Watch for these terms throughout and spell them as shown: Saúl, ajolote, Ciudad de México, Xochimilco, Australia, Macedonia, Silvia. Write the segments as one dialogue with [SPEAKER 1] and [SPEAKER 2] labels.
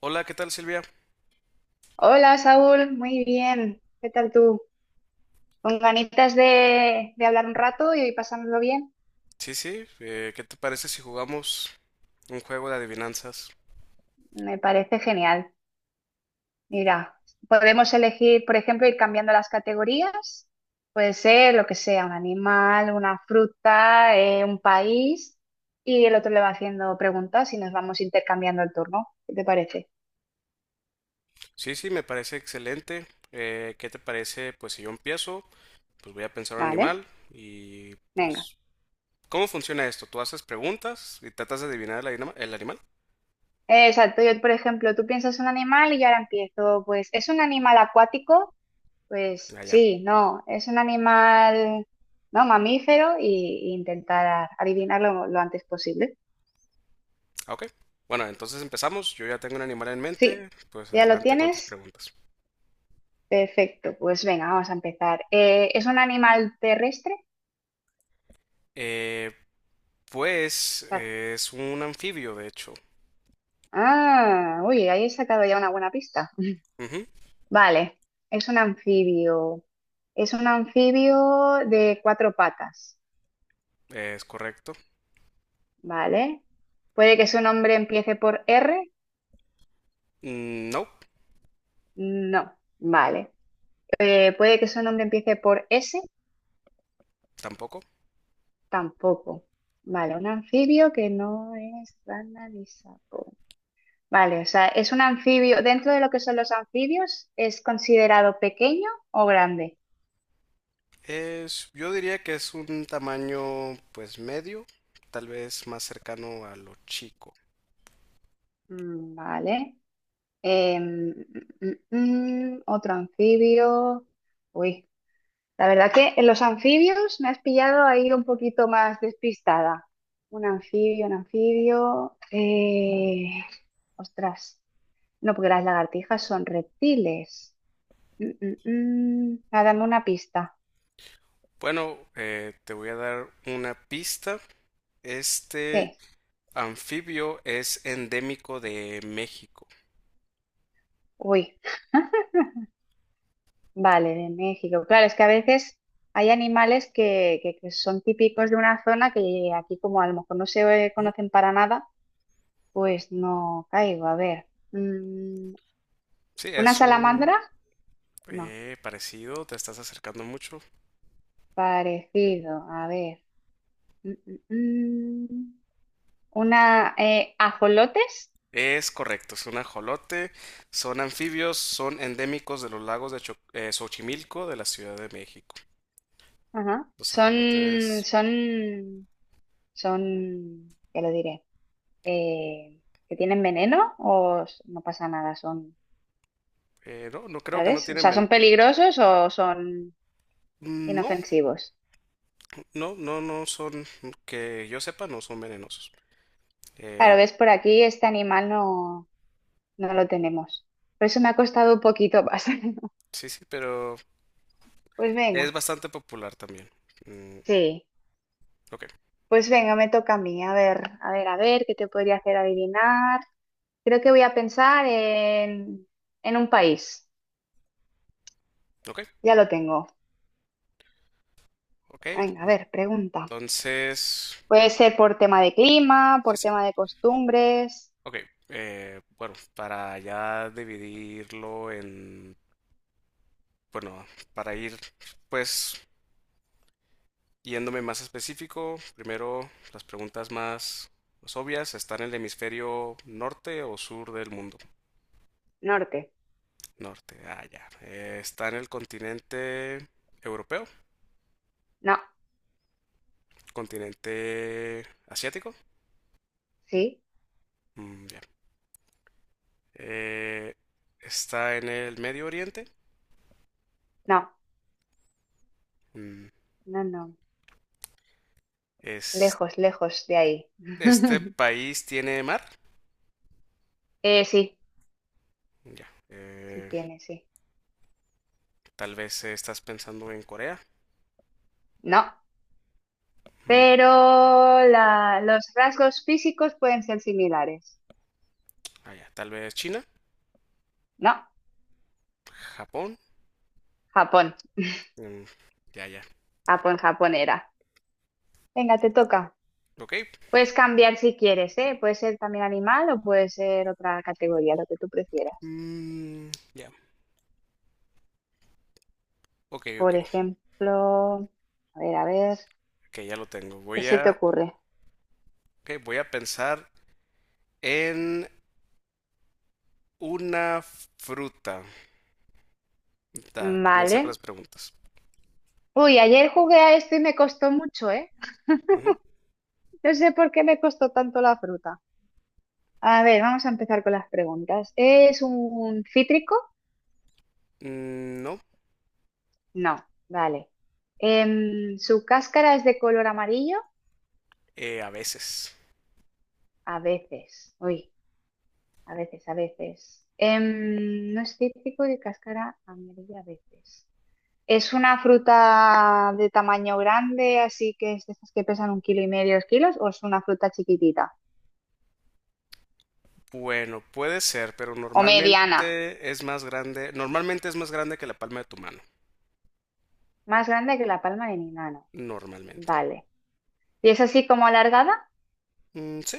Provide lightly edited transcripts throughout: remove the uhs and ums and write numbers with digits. [SPEAKER 1] Hola, ¿qué tal Silvia?
[SPEAKER 2] Hola Saúl, muy bien. ¿Qué tal tú? Con ganitas de hablar un rato y pasárnoslo bien.
[SPEAKER 1] Sí, sí, ¿qué te parece si jugamos un juego de adivinanzas?
[SPEAKER 2] Me parece genial. Mira, podemos elegir, por ejemplo, ir cambiando las categorías. Puede ser lo que sea, un animal, una fruta, un país. Y el otro le va haciendo preguntas y nos vamos intercambiando el turno. ¿Qué te parece?
[SPEAKER 1] Sí, sí, me parece excelente. ¿Qué te parece? Pues si yo empiezo, pues voy a pensar un
[SPEAKER 2] Vale,
[SPEAKER 1] animal
[SPEAKER 2] venga.
[SPEAKER 1] ¿cómo funciona esto? ¿Tú haces preguntas y tratas de adivinar el animal?
[SPEAKER 2] Exacto, yo, por ejemplo, tú piensas un animal y yo ahora empiezo. Pues, ¿es un animal acuático? Pues
[SPEAKER 1] Ah, ya.
[SPEAKER 2] sí, no, es un animal, no, mamífero y intentar adivinarlo lo antes posible.
[SPEAKER 1] Ah, ok. Bueno, entonces empezamos. Yo ya tengo un animal en mente,
[SPEAKER 2] Sí,
[SPEAKER 1] pues
[SPEAKER 2] ya lo
[SPEAKER 1] adelante con tus
[SPEAKER 2] tienes.
[SPEAKER 1] preguntas.
[SPEAKER 2] Perfecto, pues venga, vamos a empezar. ¿Es un animal terrestre?
[SPEAKER 1] Eh,
[SPEAKER 2] O sea,
[SPEAKER 1] es un anfibio, de hecho.
[SPEAKER 2] ah, uy, ahí he sacado ya una buena pista.
[SPEAKER 1] Ujú,
[SPEAKER 2] Vale, es un anfibio. Es un anfibio de cuatro patas,
[SPEAKER 1] es correcto.
[SPEAKER 2] ¿vale? ¿Puede que su nombre empiece por R?
[SPEAKER 1] Mm, no,
[SPEAKER 2] No, vale. ¿Puede que su nombre empiece por S?
[SPEAKER 1] tampoco.
[SPEAKER 2] Tampoco. Vale, un anfibio que no es rana ni sapo. Vale, o sea, es un anfibio. Dentro de lo que son los anfibios, ¿es considerado pequeño o grande?
[SPEAKER 1] Es, yo diría que es un tamaño pues medio, tal vez más cercano a lo chico.
[SPEAKER 2] Mm, vale. Em, otro anfibio. Uy, la verdad que en los anfibios me has pillado ahí un poquito más despistada. Un anfibio, un anfibio. Ostras. No, porque las lagartijas son reptiles. Mm, mm, mm. Ah, dame una pista.
[SPEAKER 1] Bueno, te voy a dar una pista. Este
[SPEAKER 2] Sí.
[SPEAKER 1] anfibio es endémico de México.
[SPEAKER 2] Uy, vale, de México. Claro, es que a veces hay animales que, que son típicos de una zona que aquí como a lo mejor no se
[SPEAKER 1] Ujú.
[SPEAKER 2] conocen para nada, pues no caigo. A ver. Mm,
[SPEAKER 1] Sí,
[SPEAKER 2] ¿una
[SPEAKER 1] es
[SPEAKER 2] salamandra?
[SPEAKER 1] un
[SPEAKER 2] No.
[SPEAKER 1] eh, parecido, te estás acercando mucho.
[SPEAKER 2] Parecido. A ver. Mm, mm, mm. ¿Ajolotes?
[SPEAKER 1] Es correcto, es un ajolote. Son anfibios, son endémicos de los lagos de Xochimilco de la Ciudad de México.
[SPEAKER 2] Ajá.
[SPEAKER 1] Los ajolotes,
[SPEAKER 2] Ya lo diré. eh, que tienen veneno no pasa nada, son,
[SPEAKER 1] no, no creo que no
[SPEAKER 2] ¿sabes? O
[SPEAKER 1] tienen
[SPEAKER 2] sea, ¿son
[SPEAKER 1] ven-
[SPEAKER 2] peligrosos o son
[SPEAKER 1] No,
[SPEAKER 2] inofensivos?
[SPEAKER 1] no, no, no son, que yo sepa, no son venenosos.
[SPEAKER 2] Claro,
[SPEAKER 1] Eh,
[SPEAKER 2] ves, por aquí este animal no, no lo tenemos. Por eso me ha costado un poquito más.
[SPEAKER 1] sí, sí, pero
[SPEAKER 2] Pues
[SPEAKER 1] es
[SPEAKER 2] venga,
[SPEAKER 1] bastante popular también. Mm,
[SPEAKER 2] sí.
[SPEAKER 1] ok,
[SPEAKER 2] Pues venga, me toca a mí. A ver, a ver, a ver, ¿qué te podría hacer adivinar? Creo que voy a pensar en un país.
[SPEAKER 1] ok,
[SPEAKER 2] Ya lo tengo.
[SPEAKER 1] ok.
[SPEAKER 2] Venga, a ver, pregunta.
[SPEAKER 1] Entonces,
[SPEAKER 2] Puede ser por tema de clima,
[SPEAKER 1] sí,
[SPEAKER 2] por
[SPEAKER 1] sí.
[SPEAKER 2] tema de costumbres.
[SPEAKER 1] Ok, bueno, para ya dividirlo en, bueno, para ir, pues, yéndome más específico, primero las preguntas más, más obvias. ¿Está en el hemisferio norte o sur del mundo?
[SPEAKER 2] Norte.
[SPEAKER 1] Norte, ah, ya. ¿Está en el continente europeo?
[SPEAKER 2] No.
[SPEAKER 1] Continente asiático.
[SPEAKER 2] Sí,
[SPEAKER 1] Mm, ya. Eh, Está en el Medio Oriente.
[SPEAKER 2] no,
[SPEAKER 1] Mm,
[SPEAKER 2] no, no.
[SPEAKER 1] es,
[SPEAKER 2] Lejos, lejos de ahí.
[SPEAKER 1] este país tiene mar.
[SPEAKER 2] Sí,
[SPEAKER 1] Ya.
[SPEAKER 2] sí tiene, sí.
[SPEAKER 1] Tal vez estás pensando en Corea.
[SPEAKER 2] No,
[SPEAKER 1] Mm,
[SPEAKER 2] pero los rasgos físicos pueden ser similares.
[SPEAKER 1] ah, ya. Tal vez China.
[SPEAKER 2] No,
[SPEAKER 1] Japón.
[SPEAKER 2] Japón,
[SPEAKER 1] Mm, ya, ya.
[SPEAKER 2] Japón, Japón era. Venga, te toca.
[SPEAKER 1] Ok.
[SPEAKER 2] Puedes cambiar si quieres, ¿eh? Puede ser también animal o puede ser otra categoría, lo que tú prefieras.
[SPEAKER 1] Mm, ya. Ok,
[SPEAKER 2] Por
[SPEAKER 1] ok.
[SPEAKER 2] ejemplo, a ver,
[SPEAKER 1] Ok, ya lo tengo.
[SPEAKER 2] ¿qué se te ocurre?
[SPEAKER 1] Ok, voy a pensar en una fruta. Da, comienza con las
[SPEAKER 2] Vale.
[SPEAKER 1] preguntas.
[SPEAKER 2] Uy, ayer jugué a esto y me costó mucho, ¿eh?
[SPEAKER 1] Ujú.
[SPEAKER 2] No sé por qué me costó tanto la fruta. A ver, vamos a empezar con las preguntas. ¿Es un cítrico?
[SPEAKER 1] Mm, no.
[SPEAKER 2] No, vale. ¿Su cáscara es de color amarillo?
[SPEAKER 1] A veces.
[SPEAKER 2] A veces, uy, a veces, a veces. No es cítrico de cáscara amarilla a veces. ¿Es una fruta de tamaño grande, así que es de estas que pesan 1 kilo y medio, 2 kilos, o es una fruta chiquitita?
[SPEAKER 1] Bueno, puede ser, pero
[SPEAKER 2] O mediana,
[SPEAKER 1] normalmente es más grande. Normalmente es más grande que la palma de tu mano.
[SPEAKER 2] más grande que la palma de mi mano.
[SPEAKER 1] Normalmente.
[SPEAKER 2] Vale. ¿Y es así como alargada?
[SPEAKER 1] Mm, ¿sí?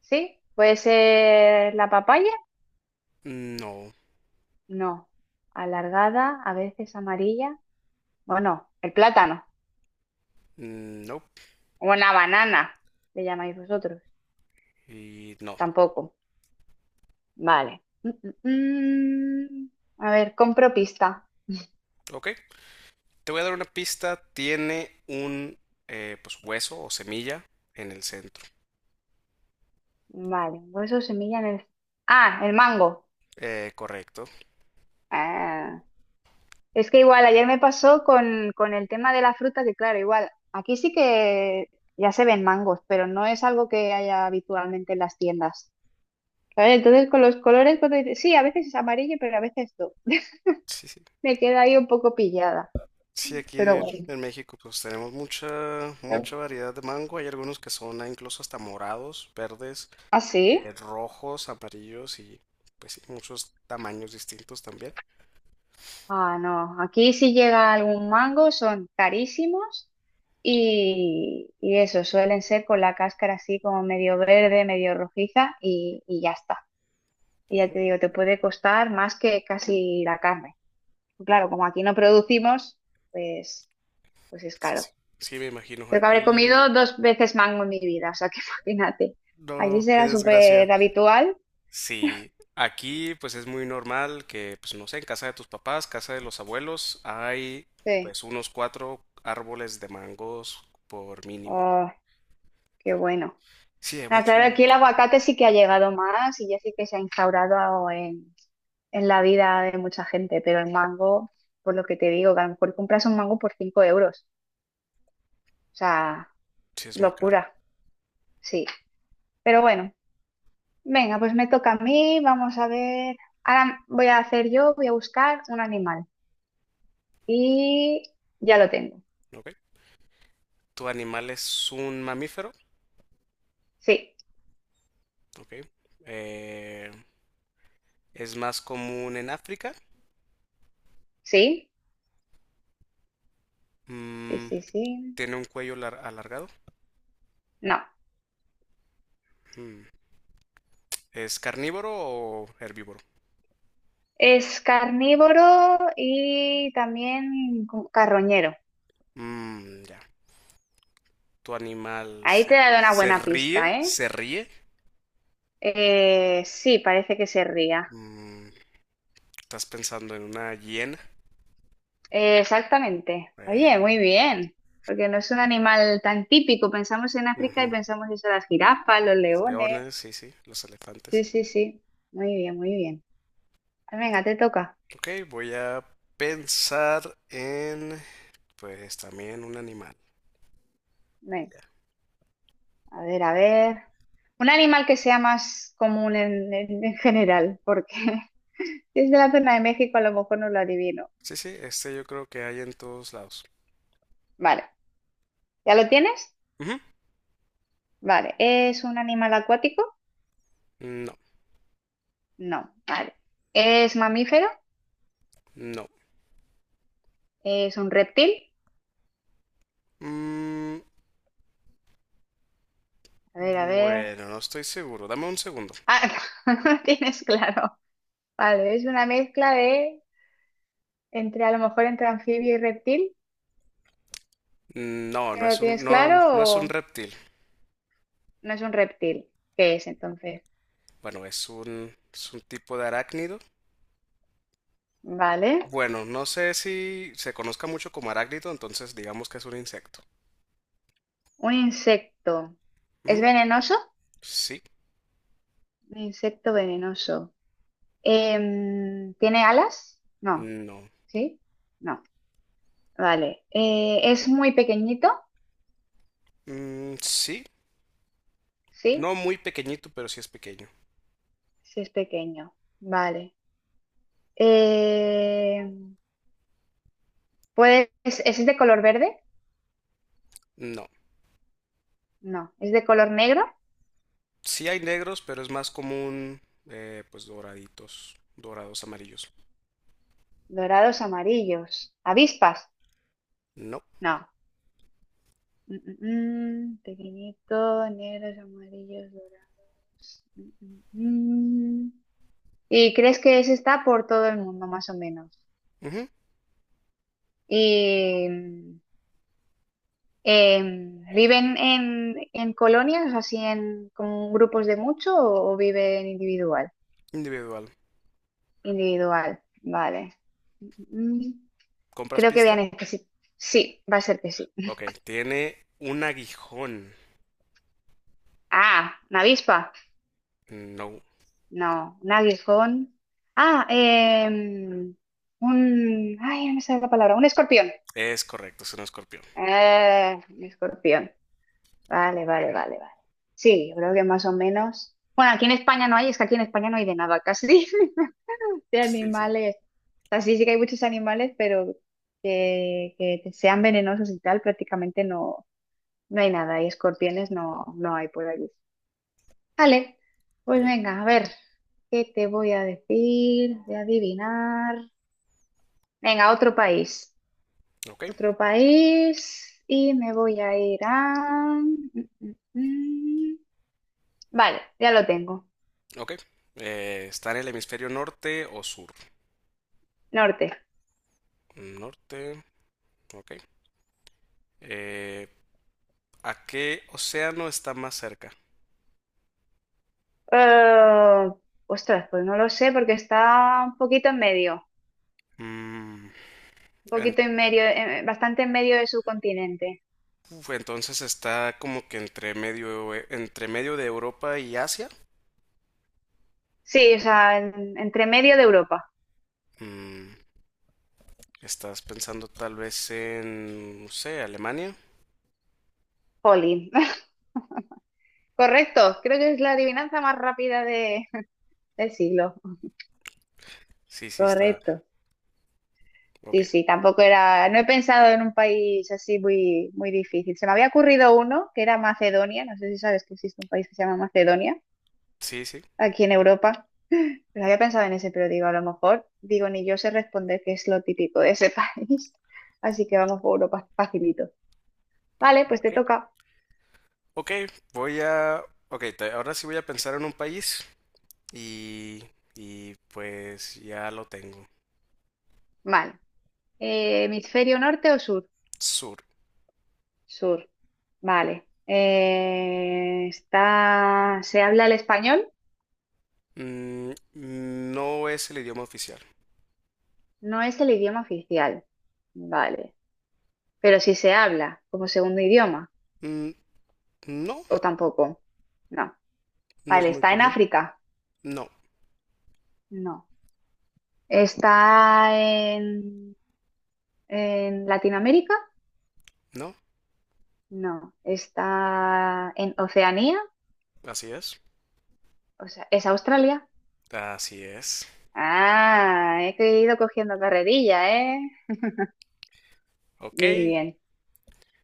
[SPEAKER 2] Sí, puede ser la papaya,
[SPEAKER 1] No.
[SPEAKER 2] no. Alargada, a veces amarilla. Bueno, el plátano.
[SPEAKER 1] Mm, no.
[SPEAKER 2] Una banana, le llamáis vosotros.
[SPEAKER 1] Y no.
[SPEAKER 2] Tampoco. Vale. Mm, mm, mm. A ver, compro pista.
[SPEAKER 1] Ok. Te voy a dar una pista. Tiene un pues hueso o semilla en el centro.
[SPEAKER 2] Vale, hueso, semilla en el... Ah, el mango.
[SPEAKER 1] Correcto.
[SPEAKER 2] Ah, es que igual ayer me pasó con el tema de la fruta, que claro, igual aquí sí que ya se ven mangos, pero no es algo que haya habitualmente en las tiendas. ¿Sabes? Entonces con los colores, cuando dices, sí, a veces es amarillo, pero a veces no.
[SPEAKER 1] Sí, sí.
[SPEAKER 2] Me queda ahí un poco pillada,
[SPEAKER 1] Sí, aquí
[SPEAKER 2] pero bueno.
[SPEAKER 1] en México pues tenemos mucha variedad de mango. Hay algunos que son ah, incluso hasta morados, verdes.
[SPEAKER 2] ¿Ah, sí?
[SPEAKER 1] Rojos, amarillos y pues sí, muchos tamaños distintos también.
[SPEAKER 2] Ah, no. Aquí si llega algún mango son carísimos y eso, suelen ser con la cáscara así como medio verde, medio rojiza y ya está. Y ya te digo, te puede costar más que casi la carne. Claro, como aquí no producimos, pues, pues es
[SPEAKER 1] Sí,
[SPEAKER 2] caro.
[SPEAKER 1] sí. Sí, me imagino.
[SPEAKER 2] Creo que habré
[SPEAKER 1] Aquí,
[SPEAKER 2] comido dos veces mango en mi vida, o sea que imagínate. Allí
[SPEAKER 1] no, qué
[SPEAKER 2] será súper
[SPEAKER 1] desgracia.
[SPEAKER 2] habitual.
[SPEAKER 1] Sí, aquí pues es muy normal que, pues no sé, en casa de tus papás, casa de los abuelos, hay
[SPEAKER 2] Sí.
[SPEAKER 1] pues unos cuatro árboles de mangos por mínimo.
[SPEAKER 2] Oh, qué bueno.
[SPEAKER 1] Sí, es
[SPEAKER 2] Ah,
[SPEAKER 1] mucho.
[SPEAKER 2] claro, aquí el aguacate sí que ha llegado más y ya sí que se ha instaurado en la vida de mucha gente, pero el mango, por lo que te digo, que a lo mejor compras un mango por 5 euros. O sea,
[SPEAKER 1] Sí, es muy caro.
[SPEAKER 2] locura, sí. Pero bueno, venga, pues me toca a mí, vamos a ver. Ahora voy a hacer yo, voy a buscar un animal. Y ya lo tengo.
[SPEAKER 1] Ok. ¿Tu animal es un mamífero?
[SPEAKER 2] Sí,
[SPEAKER 1] Ok. Eh, ¿Es más común en África?
[SPEAKER 2] sí. Sí,
[SPEAKER 1] Mm,
[SPEAKER 2] sí, sí.
[SPEAKER 1] ¿tiene un cuello alargado?
[SPEAKER 2] No.
[SPEAKER 1] Mm. ¿Es carnívoro o herbívoro?
[SPEAKER 2] Es carnívoro y también carroñero.
[SPEAKER 1] Mm, ya. ¿Tu animal
[SPEAKER 2] Ahí
[SPEAKER 1] se,
[SPEAKER 2] te he dado una
[SPEAKER 1] se
[SPEAKER 2] buena pista,
[SPEAKER 1] ríe?
[SPEAKER 2] ¿eh?
[SPEAKER 1] ¿Se ríe?
[SPEAKER 2] Sí, parece que se ría.
[SPEAKER 1] Mm, ¿estás pensando en una hiena?
[SPEAKER 2] Exactamente. Oye,
[SPEAKER 1] Eh,
[SPEAKER 2] muy bien. Porque no es un animal tan típico. Pensamos en África y
[SPEAKER 1] ujú.
[SPEAKER 2] pensamos eso, las jirafas, los
[SPEAKER 1] Los
[SPEAKER 2] leones.
[SPEAKER 1] leones, sí, sí, los elefantes.
[SPEAKER 2] Sí, sí, sí. Muy bien, muy bien. Venga, te toca.
[SPEAKER 1] Ok, voy a pensar en, pues también un animal.
[SPEAKER 2] Venga.
[SPEAKER 1] Ya.
[SPEAKER 2] A ver, a ver. Un animal que sea más común en, en general, porque si es de la zona de México, a lo mejor no lo adivino.
[SPEAKER 1] Sí, sí, este yo creo que hay en todos lados.
[SPEAKER 2] Vale, ¿ya lo tienes?
[SPEAKER 1] Ujú.
[SPEAKER 2] Vale, ¿es un animal acuático?
[SPEAKER 1] No,
[SPEAKER 2] No, vale. ¿Es mamífero?
[SPEAKER 1] no.
[SPEAKER 2] ¿Es un reptil?
[SPEAKER 1] Mm,
[SPEAKER 2] A ver, a ver.
[SPEAKER 1] bueno, no estoy seguro. Dame un segundo.
[SPEAKER 2] Ah, no lo tienes claro. Vale, es una mezcla de entre a lo mejor entre anfibio y reptil.
[SPEAKER 1] No,
[SPEAKER 2] ¿No lo tienes
[SPEAKER 1] no,
[SPEAKER 2] claro
[SPEAKER 1] no es un
[SPEAKER 2] o
[SPEAKER 1] reptil.
[SPEAKER 2] no es un reptil? ¿Qué es entonces?
[SPEAKER 1] Bueno, es un tipo de arácnido.
[SPEAKER 2] Vale.
[SPEAKER 1] Bueno, no sé si se conozca mucho como arácnido, entonces digamos que es un insecto.
[SPEAKER 2] Un insecto. ¿Es
[SPEAKER 1] Mm,
[SPEAKER 2] venenoso?
[SPEAKER 1] sí,
[SPEAKER 2] Un insecto venenoso. ¿Tiene alas? No.
[SPEAKER 1] no.
[SPEAKER 2] ¿Sí? No. Vale. ¿Es muy pequeñito?
[SPEAKER 1] Mm, sí,
[SPEAKER 2] Sí.
[SPEAKER 1] no muy pequeñito, pero sí es pequeño.
[SPEAKER 2] Sí es pequeño. Vale. Em, es de color verde?
[SPEAKER 1] No.
[SPEAKER 2] No. ¿Es de color negro?
[SPEAKER 1] Sí hay negros, pero es más común, pues doraditos, dorados amarillos.
[SPEAKER 2] Dorados, amarillos. ¿Avispas?
[SPEAKER 1] No.
[SPEAKER 2] No. Mm, mm, mm. Pequeñito, negros, amarillos, dorados. Mm, mm, mm. Y crees que ese está por todo el mundo, más o menos.
[SPEAKER 1] Ujú,
[SPEAKER 2] Y ¿viven en colonias, así en como grupos de mucho, o viven individual?
[SPEAKER 1] individual.
[SPEAKER 2] Individual, vale. Mm,
[SPEAKER 1] ¿Compras
[SPEAKER 2] Creo que voy
[SPEAKER 1] pista?
[SPEAKER 2] a necesitar. Sí, sí, va a ser que sí.
[SPEAKER 1] Ok, tiene un aguijón.
[SPEAKER 2] Ah, una avispa.
[SPEAKER 1] No,
[SPEAKER 2] No, un aguijón. Ah, em, un. Ay, no me sale la palabra. Un escorpión.
[SPEAKER 1] es correcto, es un escorpión.
[SPEAKER 2] Un escorpión. Vale, vale, vale, vale. Sí, yo creo que más o menos. Bueno, aquí en España no hay, es que aquí en España no hay de nada casi, de
[SPEAKER 1] Sí, sí.
[SPEAKER 2] animales. O sea, sí, sí que hay muchos animales, pero que sean venenosos y tal, prácticamente no, no hay nada. Y escorpiones no, no hay por allí. Vale, pues
[SPEAKER 1] Ok,
[SPEAKER 2] venga, a ver, ¿qué te voy a decir? Voy a adivinar. Venga, otro país.
[SPEAKER 1] ok.
[SPEAKER 2] Otro país. Y me voy a ir a... Mm, mm, mm. Vale, ya lo tengo.
[SPEAKER 1] Ok. ¿Está en el hemisferio norte o sur?
[SPEAKER 2] Norte.
[SPEAKER 1] Norte. Ok. Eh, ¿A qué océano está más cerca?
[SPEAKER 2] Eh, ostras, pues no lo sé porque está un poquito en medio,
[SPEAKER 1] Mm,
[SPEAKER 2] un
[SPEAKER 1] en-
[SPEAKER 2] poquito en medio, bastante en medio del subcontinente.
[SPEAKER 1] uf, entonces está como que entre medio de Europa y Asia.
[SPEAKER 2] Sí, o sea, entre medio de Europa.
[SPEAKER 1] Mm, ¿estás pensando tal vez en, no sé, Alemania?
[SPEAKER 2] Jolín. Correcto, creo que es la adivinanza más rápida del siglo.
[SPEAKER 1] Sí, sí, está.
[SPEAKER 2] Correcto.
[SPEAKER 1] Ok.
[SPEAKER 2] Sí, sí, tampoco era, no he pensado en un país así muy, muy difícil. Se me había ocurrido uno que era Macedonia, no sé si sabes que existe un país que se llama Macedonia,
[SPEAKER 1] Sí, sí.
[SPEAKER 2] aquí en Europa. Pero había pensado en ese, pero digo, a lo mejor, digo, ni yo sé responder que es lo típico de ese país. Así que vamos por Europa facilito. Vale, pues te
[SPEAKER 1] Ok.
[SPEAKER 2] toca.
[SPEAKER 1] Ok, voy a... Ok, ahora sí voy a pensar en un país y... Y pues ya lo tengo.
[SPEAKER 2] Vale. ¿Hemisferio norte o sur?
[SPEAKER 1] Sur.
[SPEAKER 2] Sur. Vale. ¿Se habla el español?
[SPEAKER 1] Mm, no es el idioma oficial.
[SPEAKER 2] No es el idioma oficial. Vale. Pero si se habla como segundo idioma,
[SPEAKER 1] Mm, no,
[SPEAKER 2] o tampoco. No.
[SPEAKER 1] no es
[SPEAKER 2] Vale,
[SPEAKER 1] muy
[SPEAKER 2] ¿está en
[SPEAKER 1] común.
[SPEAKER 2] África?
[SPEAKER 1] No,
[SPEAKER 2] No. ¿Está en Latinoamérica,
[SPEAKER 1] no,
[SPEAKER 2] no. Está en Oceanía,
[SPEAKER 1] así es.
[SPEAKER 2] o sea, es Australia.
[SPEAKER 1] Así es.
[SPEAKER 2] Ah, he ido cogiendo carrerilla, ¿eh?
[SPEAKER 1] Ok,
[SPEAKER 2] Muy bien.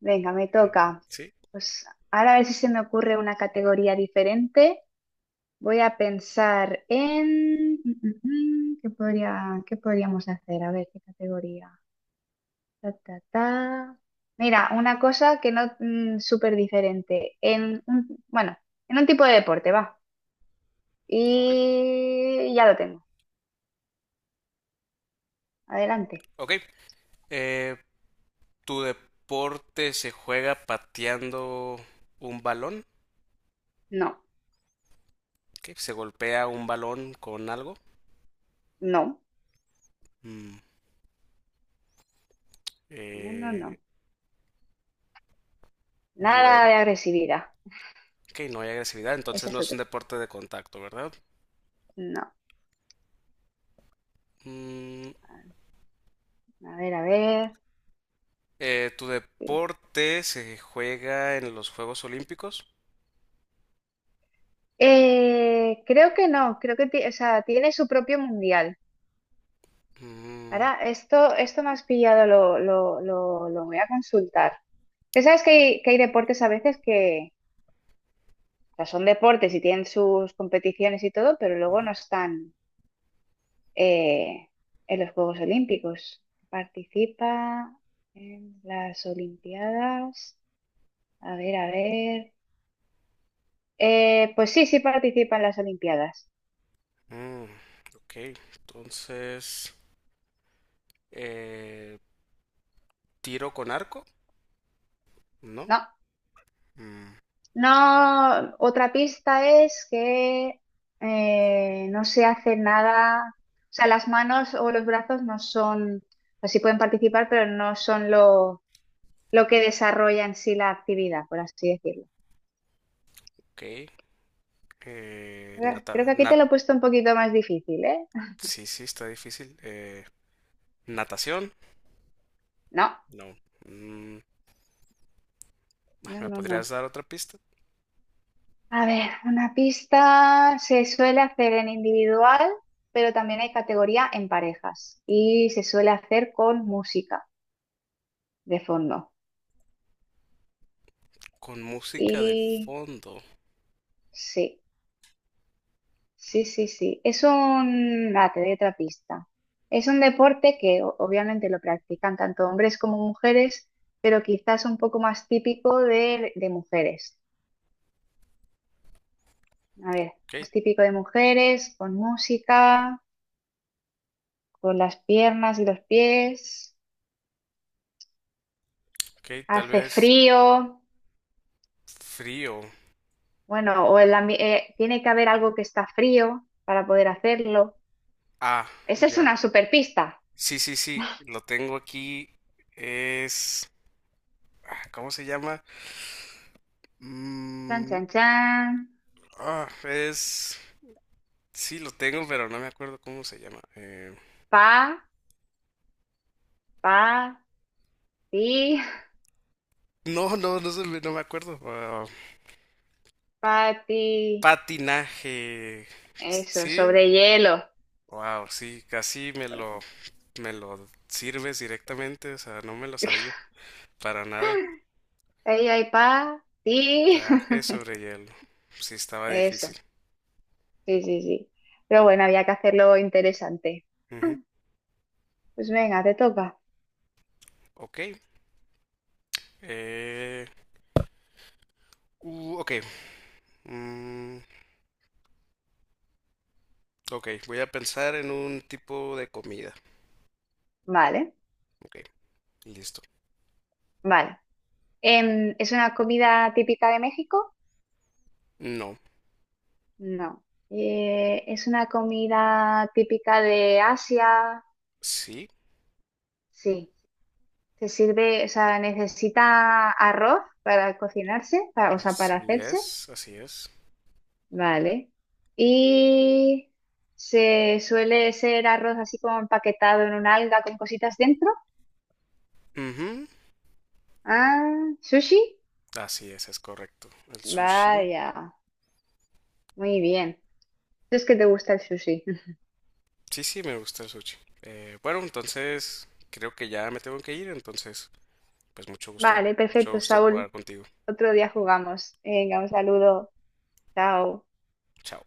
[SPEAKER 2] Venga, me toca.
[SPEAKER 1] sí,
[SPEAKER 2] Pues ahora a ver si se me ocurre una categoría diferente. Voy a pensar en. ¿Qué podría, qué podríamos hacer? A ver, ¿qué categoría? Ta, ta, ta. Mira, una cosa que no, súper diferente. En un, bueno, en un tipo de deporte, va.
[SPEAKER 1] ok.
[SPEAKER 2] Y ya lo tengo. Adelante.
[SPEAKER 1] Ok, eh, ¿tu deporte se juega pateando un balón?
[SPEAKER 2] No,
[SPEAKER 1] ¿Qué? ¿Se golpea un balón con algo?
[SPEAKER 2] no,
[SPEAKER 1] Mm,
[SPEAKER 2] no, no,
[SPEAKER 1] eh,
[SPEAKER 2] no. Nada
[SPEAKER 1] bueno,
[SPEAKER 2] de agresividad.
[SPEAKER 1] ok, no hay agresividad,
[SPEAKER 2] Ese
[SPEAKER 1] entonces no
[SPEAKER 2] es
[SPEAKER 1] es un
[SPEAKER 2] otro.
[SPEAKER 1] deporte de contacto, ¿verdad?
[SPEAKER 2] No.
[SPEAKER 1] Mm,
[SPEAKER 2] A ver, a ver.
[SPEAKER 1] ¿Tu deporte se juega en los Juegos Olímpicos?
[SPEAKER 2] Creo que no, creo que o sea, tiene su propio mundial.
[SPEAKER 1] Mm,
[SPEAKER 2] Ahora, esto me has pillado, lo voy a consultar. Que sabes que hay deportes a veces que, o sea, son deportes y tienen sus competiciones y todo, pero luego
[SPEAKER 1] ujú,
[SPEAKER 2] no están. eh, en los Juegos Olímpicos. Participa en las Olimpiadas. A ver, a ver. Pues sí, sí participa en las Olimpiadas.
[SPEAKER 1] mm, ok, entonces eh, tiro con arco, ¿no?
[SPEAKER 2] No,
[SPEAKER 1] Mm,
[SPEAKER 2] no. Otra pista es que no se hace nada. O sea, las manos o los brazos no son. Así pueden participar, pero no son lo que desarrolla en sí la actividad, por así decirlo.
[SPEAKER 1] ok, eh, nata,
[SPEAKER 2] Creo que aquí
[SPEAKER 1] nat,
[SPEAKER 2] te lo he puesto un poquito más difícil, ¿eh?
[SPEAKER 1] sí, sí, está difícil. Natación,
[SPEAKER 2] No,
[SPEAKER 1] no. Mm,
[SPEAKER 2] no,
[SPEAKER 1] ¿me
[SPEAKER 2] no,
[SPEAKER 1] podrías
[SPEAKER 2] no.
[SPEAKER 1] dar otra pista?
[SPEAKER 2] A ver, una pista se suele hacer en individual, pero también hay categoría en parejas y se suele hacer con música de fondo.
[SPEAKER 1] Con música de
[SPEAKER 2] Y
[SPEAKER 1] fondo.
[SPEAKER 2] sí, sí, sí, sí. Ah, te doy otra pista. Es un deporte que obviamente lo practican tanto hombres como mujeres, pero quizás un poco más típico de mujeres. A ver,
[SPEAKER 1] Ok,
[SPEAKER 2] es típico de mujeres, con música, con las piernas y los pies.
[SPEAKER 1] ok, tal
[SPEAKER 2] Hace
[SPEAKER 1] vez
[SPEAKER 2] frío,
[SPEAKER 1] frío.
[SPEAKER 2] bueno, o el tiene que haber algo que está frío para poder hacerlo.
[SPEAKER 1] Ah,
[SPEAKER 2] Esa es
[SPEAKER 1] ya.
[SPEAKER 2] una superpista.
[SPEAKER 1] Sí, sí, sí, lo tengo aquí. Es, ¿cómo se llama?
[SPEAKER 2] Chan,
[SPEAKER 1] Mm,
[SPEAKER 2] chan, chan.
[SPEAKER 1] ah, es sí, lo tengo, pero no me acuerdo cómo se llama.
[SPEAKER 2] Pa, pa, ti,
[SPEAKER 1] No, no, no, no me acuerdo. Ah,
[SPEAKER 2] pa, ti.
[SPEAKER 1] patinaje.
[SPEAKER 2] Eso,
[SPEAKER 1] Sí,
[SPEAKER 2] sobre hielo.
[SPEAKER 1] wow, sí,
[SPEAKER 2] Porque
[SPEAKER 1] me lo sirves directamente, o sea, no me lo sabía para nada.
[SPEAKER 2] ahí hay pa, ti.
[SPEAKER 1] Traje sobre hielo. Sí, estaba
[SPEAKER 2] Eso,
[SPEAKER 1] difícil.
[SPEAKER 2] sí, sí, sí. Pero bueno, había que hacerlo interesante.
[SPEAKER 1] Ujú.
[SPEAKER 2] Pues venga, te toca.
[SPEAKER 1] Ok. Eh, ok. Mm, ok, voy a pensar en un tipo de comida.
[SPEAKER 2] Vale,
[SPEAKER 1] Ok, listo.
[SPEAKER 2] vale. ¿Es una comida típica de México?
[SPEAKER 1] No,
[SPEAKER 2] No. Es una comida típica de Asia.
[SPEAKER 1] sí,
[SPEAKER 2] Sí. Se sirve, o sea, necesita arroz para cocinarse, o sea, para
[SPEAKER 1] así
[SPEAKER 2] hacerse.
[SPEAKER 1] es, así es.
[SPEAKER 2] Vale. Y se suele ser arroz así como empaquetado en un alga con cositas dentro.
[SPEAKER 1] Ujú,
[SPEAKER 2] Ah, sushi.
[SPEAKER 1] así es correcto. El sushi.
[SPEAKER 2] Vaya. Muy bien. Si es que te gusta el sushi.
[SPEAKER 1] Sí, sí, me gusta el sushi. Bueno, entonces creo que ya me tengo que ir, entonces pues
[SPEAKER 2] Vale,
[SPEAKER 1] mucho
[SPEAKER 2] perfecto,
[SPEAKER 1] gusto
[SPEAKER 2] Saúl.
[SPEAKER 1] jugar contigo.
[SPEAKER 2] Otro día jugamos. Venga, un saludo. Chao.
[SPEAKER 1] Chao.